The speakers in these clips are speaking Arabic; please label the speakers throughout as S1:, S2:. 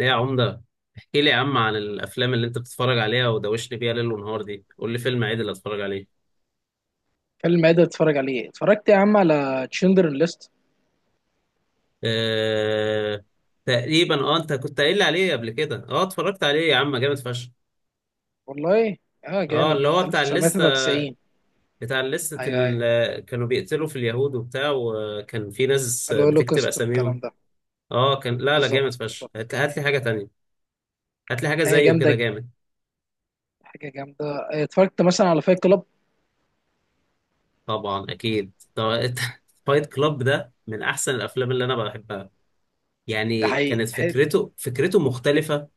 S1: ايه يا عمدة؟ احكي لي يا عم عن الافلام اللي انت بتتفرج عليها ودوشني بيها ليل ونهار دي، قول لي فيلم عادل اتفرج عليه.
S2: فيلم ايه ده تتفرج عليه؟ اتفرجت يا عم على تشندر ليست.
S1: أه... تقريبا، اه انت كنت قايل لي عليه قبل كده. اه اتفرجت عليه يا عم، جامد فشخ.
S2: والله، اه
S1: اه
S2: جامد.
S1: اللي هو بتاع الليستة.
S2: 1993.
S1: بتاع الليستة
S2: ايوه، ايوه،
S1: كانوا بيقتلوا في اليهود وبتاع، وكان في ناس بتكتب
S2: الهولوكوست
S1: اساميهم.
S2: والكلام ده.
S1: اه كان، لا لا جامد
S2: بالظبط،
S1: فشخ،
S2: بالظبط.
S1: هات هات لي حاجة تانية. هات لي حاجة
S2: حاجه
S1: زيه كده
S2: جامده،
S1: جامد.
S2: حاجه جامده. اتفرجت مثلا على فايت كلاب.
S1: طبعا اكيد طب فايت كلاب ده من احسن الافلام اللي انا بحبها.
S2: ده
S1: يعني
S2: حقيقي
S1: كانت
S2: حلو.
S1: فكرته فكرته مختلفة.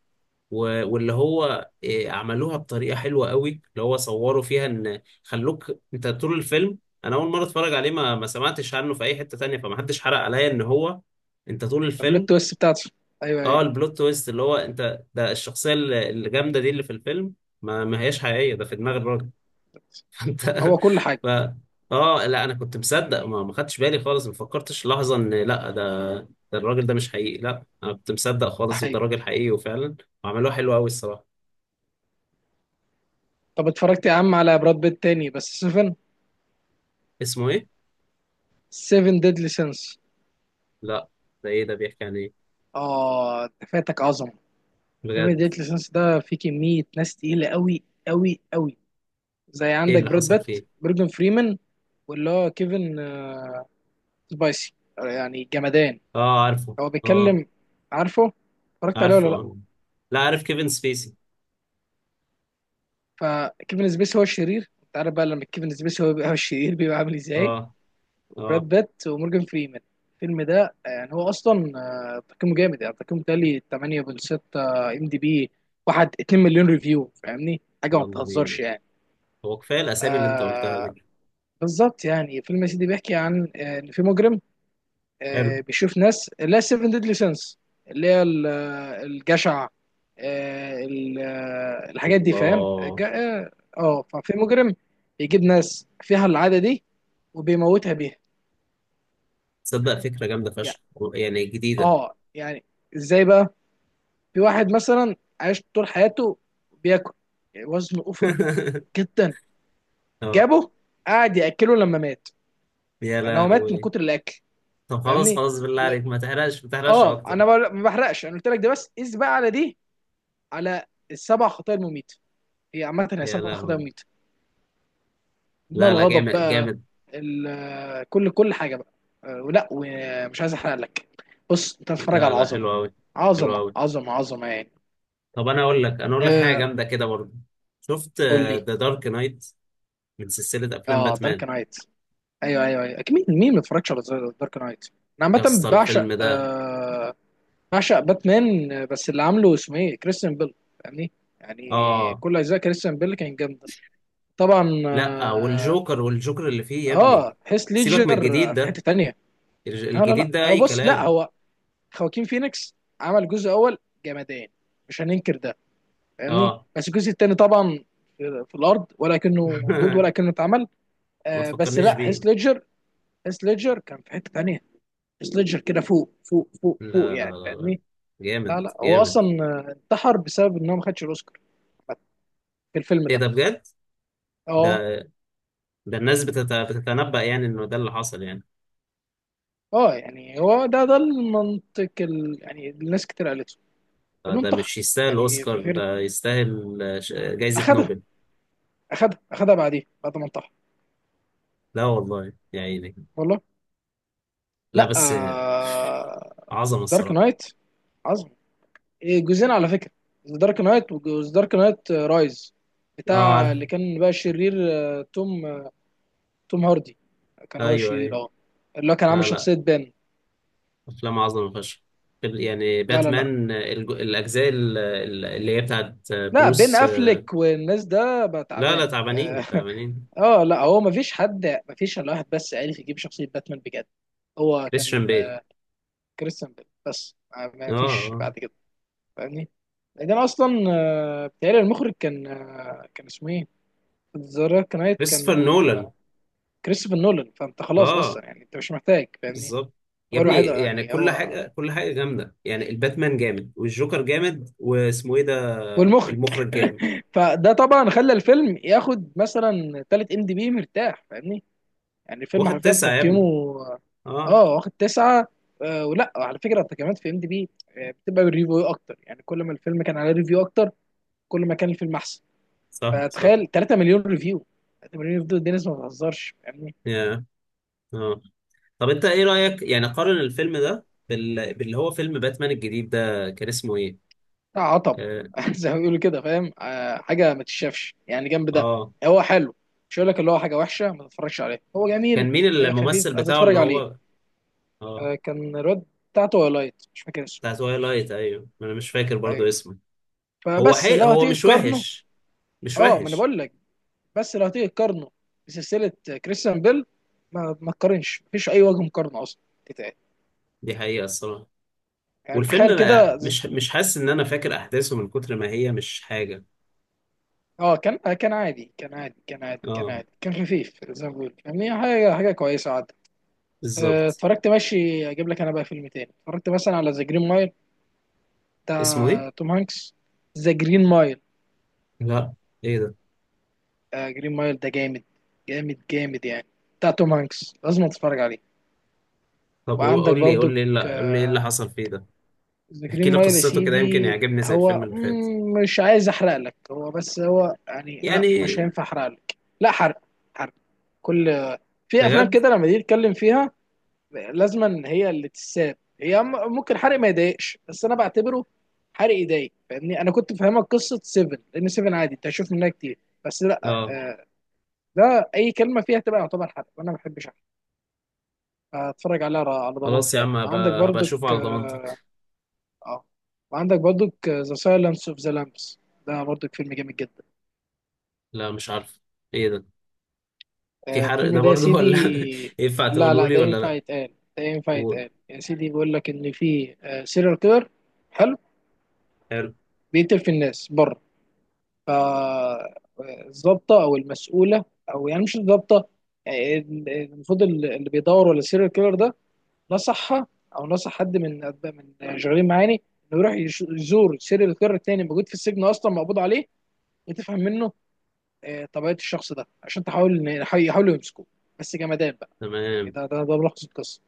S1: واللي هو إيه، عملوها بطريقة حلوة قوي، اللي هو صوروا فيها ان خلوك انت طول الفيلم. انا اول مرة اتفرج عليه ما سمعتش عنه في اي حتة تانية، فما حدش حرق عليا ان هو انت طول
S2: البلوت
S1: الفيلم.
S2: تويست بتاعته. ايوه،
S1: اه
S2: ايوه.
S1: البلوت تويست اللي هو انت ده، الشخصية الجامدة دي اللي في الفيلم ما هياش حقيقية، ده في دماغ الراجل انت.
S2: هو كل حاجه.
S1: ف اه لا، انا كنت مصدق، ما خدتش بالي خالص، ما فكرتش لحظه ان لا، ده الراجل ده مش حقيقي، لا انا كنت مصدق
S2: ده
S1: خالص، وده
S2: حقيقي.
S1: راجل حقيقي وفعلا. وعملوه حلو قوي الصراحه.
S2: طب اتفرجت يا عم على براد بيت تاني بس 7.
S1: اسمه ايه؟
S2: 7 ديدلي سينس.
S1: لا. ده ايه ده بيحكي عن ايه؟
S2: اه، ده فاتك عظمه. 7
S1: بجد؟
S2: ديدلي سينس ده فيه كميه ناس تقيله قوي قوي قوي. زي
S1: ايه
S2: عندك
S1: اللي
S2: براد
S1: حصل
S2: بيت،
S1: فيه؟
S2: مورجان فريمان، واللي هو كيفن سبايسي. يعني جمدان،
S1: اه عارفه.
S2: هو
S1: اه
S2: بيتكلم. عارفه، اتفرجت عليه ولا
S1: عارفه.
S2: لا؟
S1: اه، لا عارف كيفن سبيسي.
S2: فكيفن سبيسي هو الشرير. انت عارف بقى لما كيفن سبيسي هو بيبقى هو الشرير، بيبقى عامل ازاي.
S1: اه.
S2: وبراد
S1: اه.
S2: بيت ومورجان فريمان. الفيلم ده يعني هو اصلا تقييمه جامد، يعني تقييمه تالي 8.6 ام دي بي. واحد 2 مليون ريفيو، فاهمني، حاجه ما
S1: يلا
S2: بتهزرش
S1: بينا،
S2: يعني.
S1: هو كفايه الاسامي اللي انت قلتها
S2: آه،
S1: دي.
S2: بالظبط. يعني فيلم يا سيدي بيحكي عن ان في مجرم،
S1: حلو.
S2: بيشوف ناس اللي هي 7 ديدلي سينس، اللي هي الجشع، الحاجات دي. فاهم
S1: الله.
S2: اه. ففي مجرم يجيب ناس فيها العادة دي وبيموتها بيها.
S1: تصدق فكره جامده
S2: يعني
S1: فشخ، يعني جديده.
S2: اه، يعني ازاي بقى. في واحد مثلا عاش طول حياته بياكل، وزنه اوفر جدا،
S1: اه.
S2: جابه قعد ياكله لما مات.
S1: يا
S2: انا، هو مات من
S1: لهوي.
S2: كتر الاكل.
S1: طب خلاص
S2: فاهمني.
S1: خلاص، بالله
S2: و...
S1: عليك ما تحرقش، ما تحرقش
S2: اه،
S1: اكتر.
S2: ما بحرقش، انا قلت لك ده بس قيس بقى على دي، على السبع خطايا المميتة. هي عامة هي
S1: يا
S2: سبع خطايا
S1: لهوي.
S2: مميتة، منها
S1: لا لا
S2: الغضب
S1: جامد
S2: بقى،
S1: جامد.
S2: كل كل حاجة بقى. ولا ومش عايز احرق لك. بص انت بتتفرج
S1: لا
S2: على
S1: لا
S2: عظمة،
S1: حلو قوي. حلو
S2: عظمة
S1: قوي.
S2: عظمة عظمة يعني.
S1: طب انا اقول لك، انا اقول لك حاجه
S2: آه،
S1: جامده كده برضه. شفت
S2: قول لي.
S1: ذا دارك نايت؟ من سلسله افلام
S2: اه، دارك
S1: باتمان.
S2: نايت. ايوه ايوه ايوه، أكيد. مين، مين ما اتفرجش على دارك نايت. انا
S1: يا
S2: عامة
S1: اسطى
S2: بعشق
S1: الفيلم ده.
S2: آه، بعشق باتمان. بس اللي عامله اسمه ايه، كريستيان بيل. فاهمني، يعني
S1: اه.
S2: كل اجزاء كريستيان بيل كان جامدة. طبعا
S1: لا،
S2: آه.
S1: والجوكر، والجوكر اللي فيه يا ابني.
S2: اه، هيث
S1: سيبك من الجديد
S2: ليدجر في
S1: ده،
S2: حته تانية. لا لا
S1: الجديد
S2: لا،
S1: ده اي
S2: بص، لا
S1: كلام.
S2: هو خواكين فينيكس عمل جزء اول جمدان، مش هننكر ده. فاهمني،
S1: اه.
S2: بس الجزء التاني طبعا في الارض، ولا كأنه موجود ولا كأنه اتعمل.
S1: ما
S2: آه، بس
S1: تفكرنيش
S2: لا، هيث
S1: بيه.
S2: ليدجر. هيث ليدجر كان في حته تانية. هيث ليدجر كده فوق فوق فوق فوق،
S1: لا لا
S2: يعني
S1: لا لا،
S2: فاهمني. لا
S1: جامد
S2: لا، هو
S1: جامد.
S2: اصلا انتحر بسبب ان هو ما خدش الاوسكار في الفيلم
S1: ايه
S2: ده.
S1: ده بجد؟
S2: اه.
S1: ده ده الناس بتتنبأ يعني انه ده اللي حصل يعني.
S2: اه، يعني هو ده، ده المنطق يعني الناس كتير قالته، انه
S1: ده
S2: انتحر
S1: مش يستاهل
S2: يعني.
S1: اوسكار،
S2: ففكره
S1: ده يستاهل جايزة
S2: اخدها،
S1: نوبل.
S2: اخدها اخدها بعديه، بعد ما انطح.
S1: لا والله يا عيني.
S2: والله.
S1: لا
S2: لا
S1: بس.
S2: آه...
S1: عظمة
S2: دارك
S1: الصراحة.
S2: نايت عظم. إيه، جزئين على فكره، دارك نايت وجزء دارك نايت رايز،
S1: اه
S2: بتاع
S1: عارف.
S2: اللي كان بقى شرير. توم توم هاردي كان هو
S1: ايوه
S2: الشرير.
S1: ايوه.
S2: اه، اللي هو كان عامل
S1: لا لا
S2: شخصيه بين.
S1: افلام عظمة فشخ. يعني
S2: لا لا لا
S1: باتمان اللي هي بتاعت
S2: لا، بين
S1: بروس.
S2: افلك والناس، ده بقى
S1: لا لا
S2: تعبان اه.
S1: تعبانين تعبانين.
S2: لا، هو ما فيش حد، ما فيش الا واحد بس عارف يجيب شخصيه باتمان بجد. هو
S1: كريستيان
S2: كان
S1: بيل.
S2: كريستيان بيل. بس ما
S1: اه.
S2: فيش
S1: اه
S2: بعد كده. فاهمني. بعدين اصلا بتهيألي المخرج كان كان اسمه ايه؟ ذا دارك نايت كان
S1: كريستوفر نولان.
S2: كريستوفر نولان. فانت خلاص
S1: اه
S2: اصلا يعني، انت مش محتاج، فاهمني؟
S1: بالظبط. يا
S2: هو
S1: ابني
S2: الوحيد
S1: يعني
S2: يعني،
S1: كل
S2: هو
S1: حاجة، كل حاجة جامدة، يعني الباتمان جامد والجوكر جامد واسمه ايه ده،
S2: والمخرج.
S1: المخرج جامد.
S2: فده طبعا خلى الفيلم ياخد مثلا تالت ام دي بي مرتاح، فاهمني؟ يعني الفيلم
S1: واخد
S2: حرفيا
S1: تسعة يا
S2: تقييمه
S1: ابني.
S2: اه،
S1: اه.
S2: واخد 9. آه، ولا على فكرة التقييمات في ام دي بي بتبقى بالريفيو اكتر، يعني كل ما الفيلم كان على ريفيو اكتر، كل ما كان الفيلم احسن.
S1: صح صح.
S2: فتخيل 3 مليون ريفيو. 3 مليون ريفيو دول الناس ما بتهزرش، فاهمني.
S1: يا اه طب انت ايه رأيك، يعني قارن الفيلم ده باللي هو فيلم باتمان الجديد ده، كان اسمه ايه؟
S2: ده عطب.
S1: اه،
S2: زي ما بيقولوا كده، فاهم آه، حاجه ما تتشافش يعني جنب ده.
S1: آه.
S2: هو حلو، مش هقول لك اللي هو حاجه وحشه ما تتفرجش عليه، هو
S1: كان
S2: جميل.
S1: مين
S2: آه، خفيف
S1: الممثل بتاعه اللي
S2: هتتفرج عليه.
S1: هو؟ اه
S2: آه، كان الواد بتاعته هو لايت، مش فاكر اسمه.
S1: بتاع تويلايت، ايوه ما انا مش فاكر برضو
S2: ايوه.
S1: اسمه.
S2: فبس لو
S1: هو
S2: هتيجي
S1: مش
S2: تقارنه.
S1: وحش، مش
S2: اه، ما انا
S1: وحش.
S2: بقول لك، بس لو هتيجي تقارنه بسلسله كريستيان بيل، ما تقارنش، مفيش اي وجه مقارنه اصلا تتقال.
S1: دي حقيقة الصراحة.
S2: يعني
S1: والفيلم
S2: تخيل
S1: ما،
S2: كده.
S1: مش حاسس ان انا فاكر احداثه من كتر ما هي مش حاجه.
S2: اه، كان كان عادي، كان عادي كان عادي كان
S1: اه
S2: عادي، كان خفيف زي ما بقول، يعني حاجه، حاجه كويسه عادي.
S1: بالظبط.
S2: اتفرجت ماشي. اجيب لك انا بقى فيلم تاني، اتفرجت مثلا على ذا جرين مايل
S1: اسمه ايه؟
S2: بتاع توم هانكس. ذا جرين مايل.
S1: لا. ايه ده؟
S2: جرين مايل ده جامد، جامد جامد يعني. بتاع توم هانكس، لازم تتفرج عليه.
S1: طب
S2: وعندك
S1: قول لي قول
S2: برضو
S1: لي، قول لي ايه اللي حصل فيه ده.
S2: ذا
S1: احكي
S2: جرين
S1: لي
S2: مايل. يا
S1: قصته كده يمكن
S2: سيدي
S1: يعجبني زي الفيلم
S2: هو،
S1: اللي فات
S2: مش عايز احرق لك. هو بس، هو يعني لا، مش
S1: يعني.
S2: هينفع احرق لك. لا، حرق. حرق كل، في افلام
S1: بجد.
S2: كده لما تيجي تتكلم فيها لازما هي اللي تتساب. هي ممكن حرق ما يضايقش، بس انا بعتبره حرق يضايق. فاهمني، انا كنت فاهمك قصه 7 لان 7 عادي انت هتشوف منها كتير. بس لا،
S1: اه.
S2: ده اي كلمه فيها تبقى يعتبر حرق، وانا ما بحبش احرق. هتفرج عليها على
S1: خلاص
S2: ضمانتي
S1: يا
S2: يعني.
S1: عم،
S2: وعندك
S1: هبقى
S2: برضك
S1: اشوفه على
S2: اه،
S1: ضمانتك.
S2: آه، وعندك برضك ذا سايلنس اوف ذا لامبس، ده برضك فيلم جامد جدا.
S1: لا مش عارف. ايه ده؟ في حرق
S2: الفيلم
S1: ده
S2: ده يا
S1: برضه ولا
S2: سيدي،
S1: ينفع
S2: لا
S1: تقولوا
S2: لا،
S1: لي
S2: ده
S1: ولا
S2: ينفع
S1: لا؟
S2: يتقال، ده ينفع
S1: قول.
S2: يتقال. يا سيدي، بيقول لك ان في سيريال كيلر، حلو،
S1: حلو.
S2: بيقتل في الناس بره. فالظابطة أو المسؤولة، أو يعني مش الظابطة، يعني المفروض اللي بيدور ولا السيريال كيلر ده نصحها، أو نصح حد من من شغالين معاني، إنه يروح يزور السيريال كيلر التاني موجود في السجن أصلا، مقبوض عليه، وتفهم منه طبيعة الشخص ده، عشان تحاول يحاولوا يمسكوه. بس جمدان بقى. يعني
S1: تمام.
S2: ده ملخص القصة.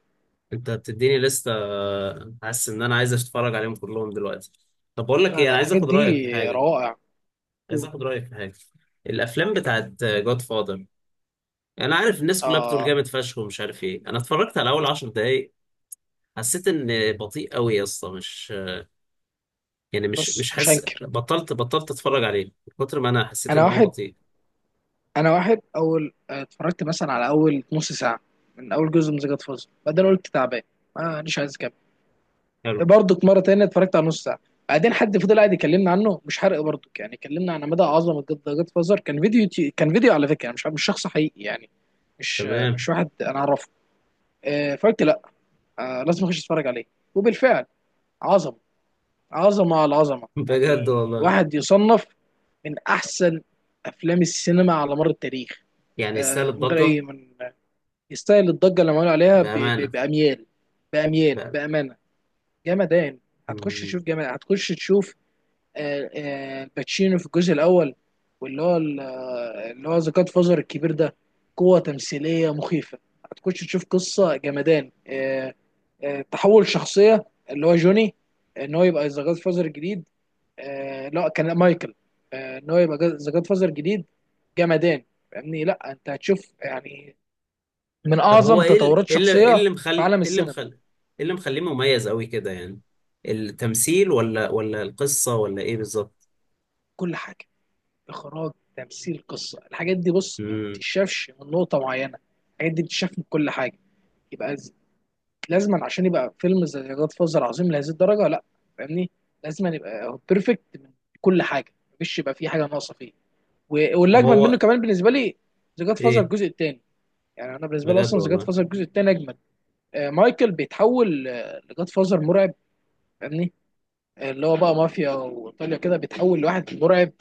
S1: انت بتديني لستة، حاسس ان انا عايز اتفرج عليهم كلهم دلوقتي. طب بقول لك
S2: لا
S1: ايه،
S2: لا،
S1: انا عايز
S2: الحاجات
S1: اخد
S2: دي
S1: رايك في حاجه.
S2: روائع.
S1: عايز اخد رايك في حاجه. الافلام بتاعت جود فاذر. انا عارف الناس كلها بتقول
S2: آه،
S1: جامد فشخ ومش عارف ايه، انا اتفرجت على اول 10 دقايق، حسيت ان بطيء قوي يا اسطى، مش يعني مش
S2: بص
S1: مش
S2: مش
S1: حاسس،
S2: هنكر.
S1: بطلت بطلت اتفرج عليه من كتر ما انا حسيت
S2: أنا
S1: ان هو
S2: واحد،
S1: بطيء.
S2: انا واحد اول اتفرجت مثلا على اول نص ساعه من اول جزء من ذا جاد فازر، بعدين قلت تعبان، ما مش عايز اكمل.
S1: حلو.
S2: برضك مره تانية اتفرجت على نص ساعه، بعدين حد فضل قاعد يكلمنا عنه، مش حرق برضك يعني، كلمنا عن مدى عظمه ذا جاد فازر. كان فيديو يوتيوب، كان فيديو على فكره يعني، مش شخص حقيقي يعني، مش
S1: تمام.
S2: مش واحد انا اعرفه. فقلت لا، لازم اخش اتفرج عليه. وبالفعل عظمه، عظمه على عظمه،
S1: بجد
S2: يعني
S1: والله.
S2: واحد يصنف من احسن افلام السينما على مر التاريخ.
S1: يعني يستاهل
S2: من غير
S1: الضجه
S2: اي من، يستاهل الضجه اللي عملوا عليها
S1: بامانه
S2: باميال. باميال
S1: بقى.
S2: بامانه. جمدان. هتخش
S1: مم.
S2: تشوف، جمدان هتخش تشوف. الباتشينو في الجزء الاول، واللي هو اللي هو ذا جاد فازر الكبير ده. قوه تمثيليه مخيفه. هتخش تشوف قصه جمدان. تحول شخصيه اللي هو جوني، ان هو يبقى ذا جاد فازر الجديد. لا كان مايكل، ان هو يبقى ذا جاد فازر الجديد. جمدان. فاهمني، لا انت هتشوف يعني من
S1: طب هو
S2: اعظم
S1: ايه
S2: تطورات شخصيه في عالم السينما.
S1: إيه اللي مخليه مميز قوي كده يعني، التمثيل ولا القصه ولا ايه بالظبط.
S2: كل حاجه، اخراج تمثيل قصه. الحاجات دي بص ما
S1: مم.
S2: بتتشافش من نقطه معينه، الحاجات دي بتتشاف من كل حاجه. يبقى ز- لازما عشان يبقى فيلم زي جاد فازر عظيم لهذه الدرجه لا، فاهمني، لازما يبقى بيرفكت من كل حاجه، مفيش يبقى فيه حاجه ناقصه فيه.
S1: طب
S2: والاجمد منه
S1: هو
S2: كمان بالنسبه لي ذا جاد فازر
S1: ايه.
S2: الجزء الثاني. يعني انا بالنسبه لي
S1: بجد
S2: اصلا ذا جاد
S1: والله.
S2: فازر الجزء الثاني اجمد. مايكل بيتحول لجاد فازر مرعب. فاهمني، اللي هو بقى مافيا وايطاليا كده، بيتحول لواحد مرعب.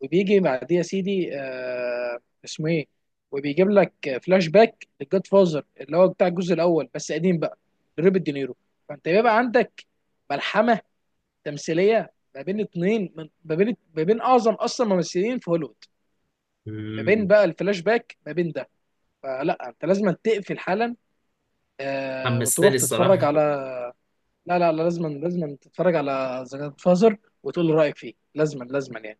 S2: وبيجي بعديه يا سيدي آه، اسمه ايه، وبيجيب لك فلاش باك للجاد فازر اللي هو بتاع الجزء الاول بس قديم بقى، لروبرت دينيرو. فانت بيبقى عندك ملحمه تمثيليه ما بين 2، من ما بين اعظم اصلا ممثلين في هوليوود، ما بين
S1: مم.
S2: بقى الفلاش باك ما بين ده. فلا، انت لازم تقفل حالا
S1: حمستني
S2: وتروح تتفرج
S1: الصراحة
S2: على. لا لا لا، لازما لازما تتفرج على ذا جاد فازر، وتقول لي رايك فيه، لازما لازما يعني.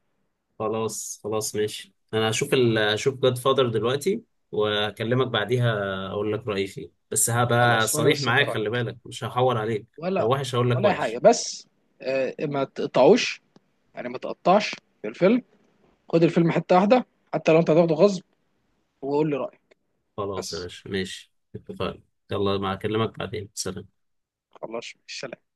S1: خلاص خلاص ماشي، أنا هشوف هشوف جاد فادر دلوقتي وأكلمك بعديها، أقول لك رأيي فيه. بس هبقى
S2: خلاص، وانا
S1: صريح
S2: مستني
S1: معاك، خلي
S2: رايك،
S1: بالك مش هحور عليك. لو
S2: ولا
S1: وحش هقول لك
S2: ولا اي حاجه.
S1: وحش.
S2: بس آه، ما تقطعوش، يعني ما تقطعش في الفيلم. خد الفيلم حته واحده، حتى لو انت هتاخده غصب، وقول لي رايك
S1: خلاص يا
S2: بس.
S1: باشا ماشي اتفقنا. يلا، ما أكلمك بعدين، سلام.
S2: خلاص سلام.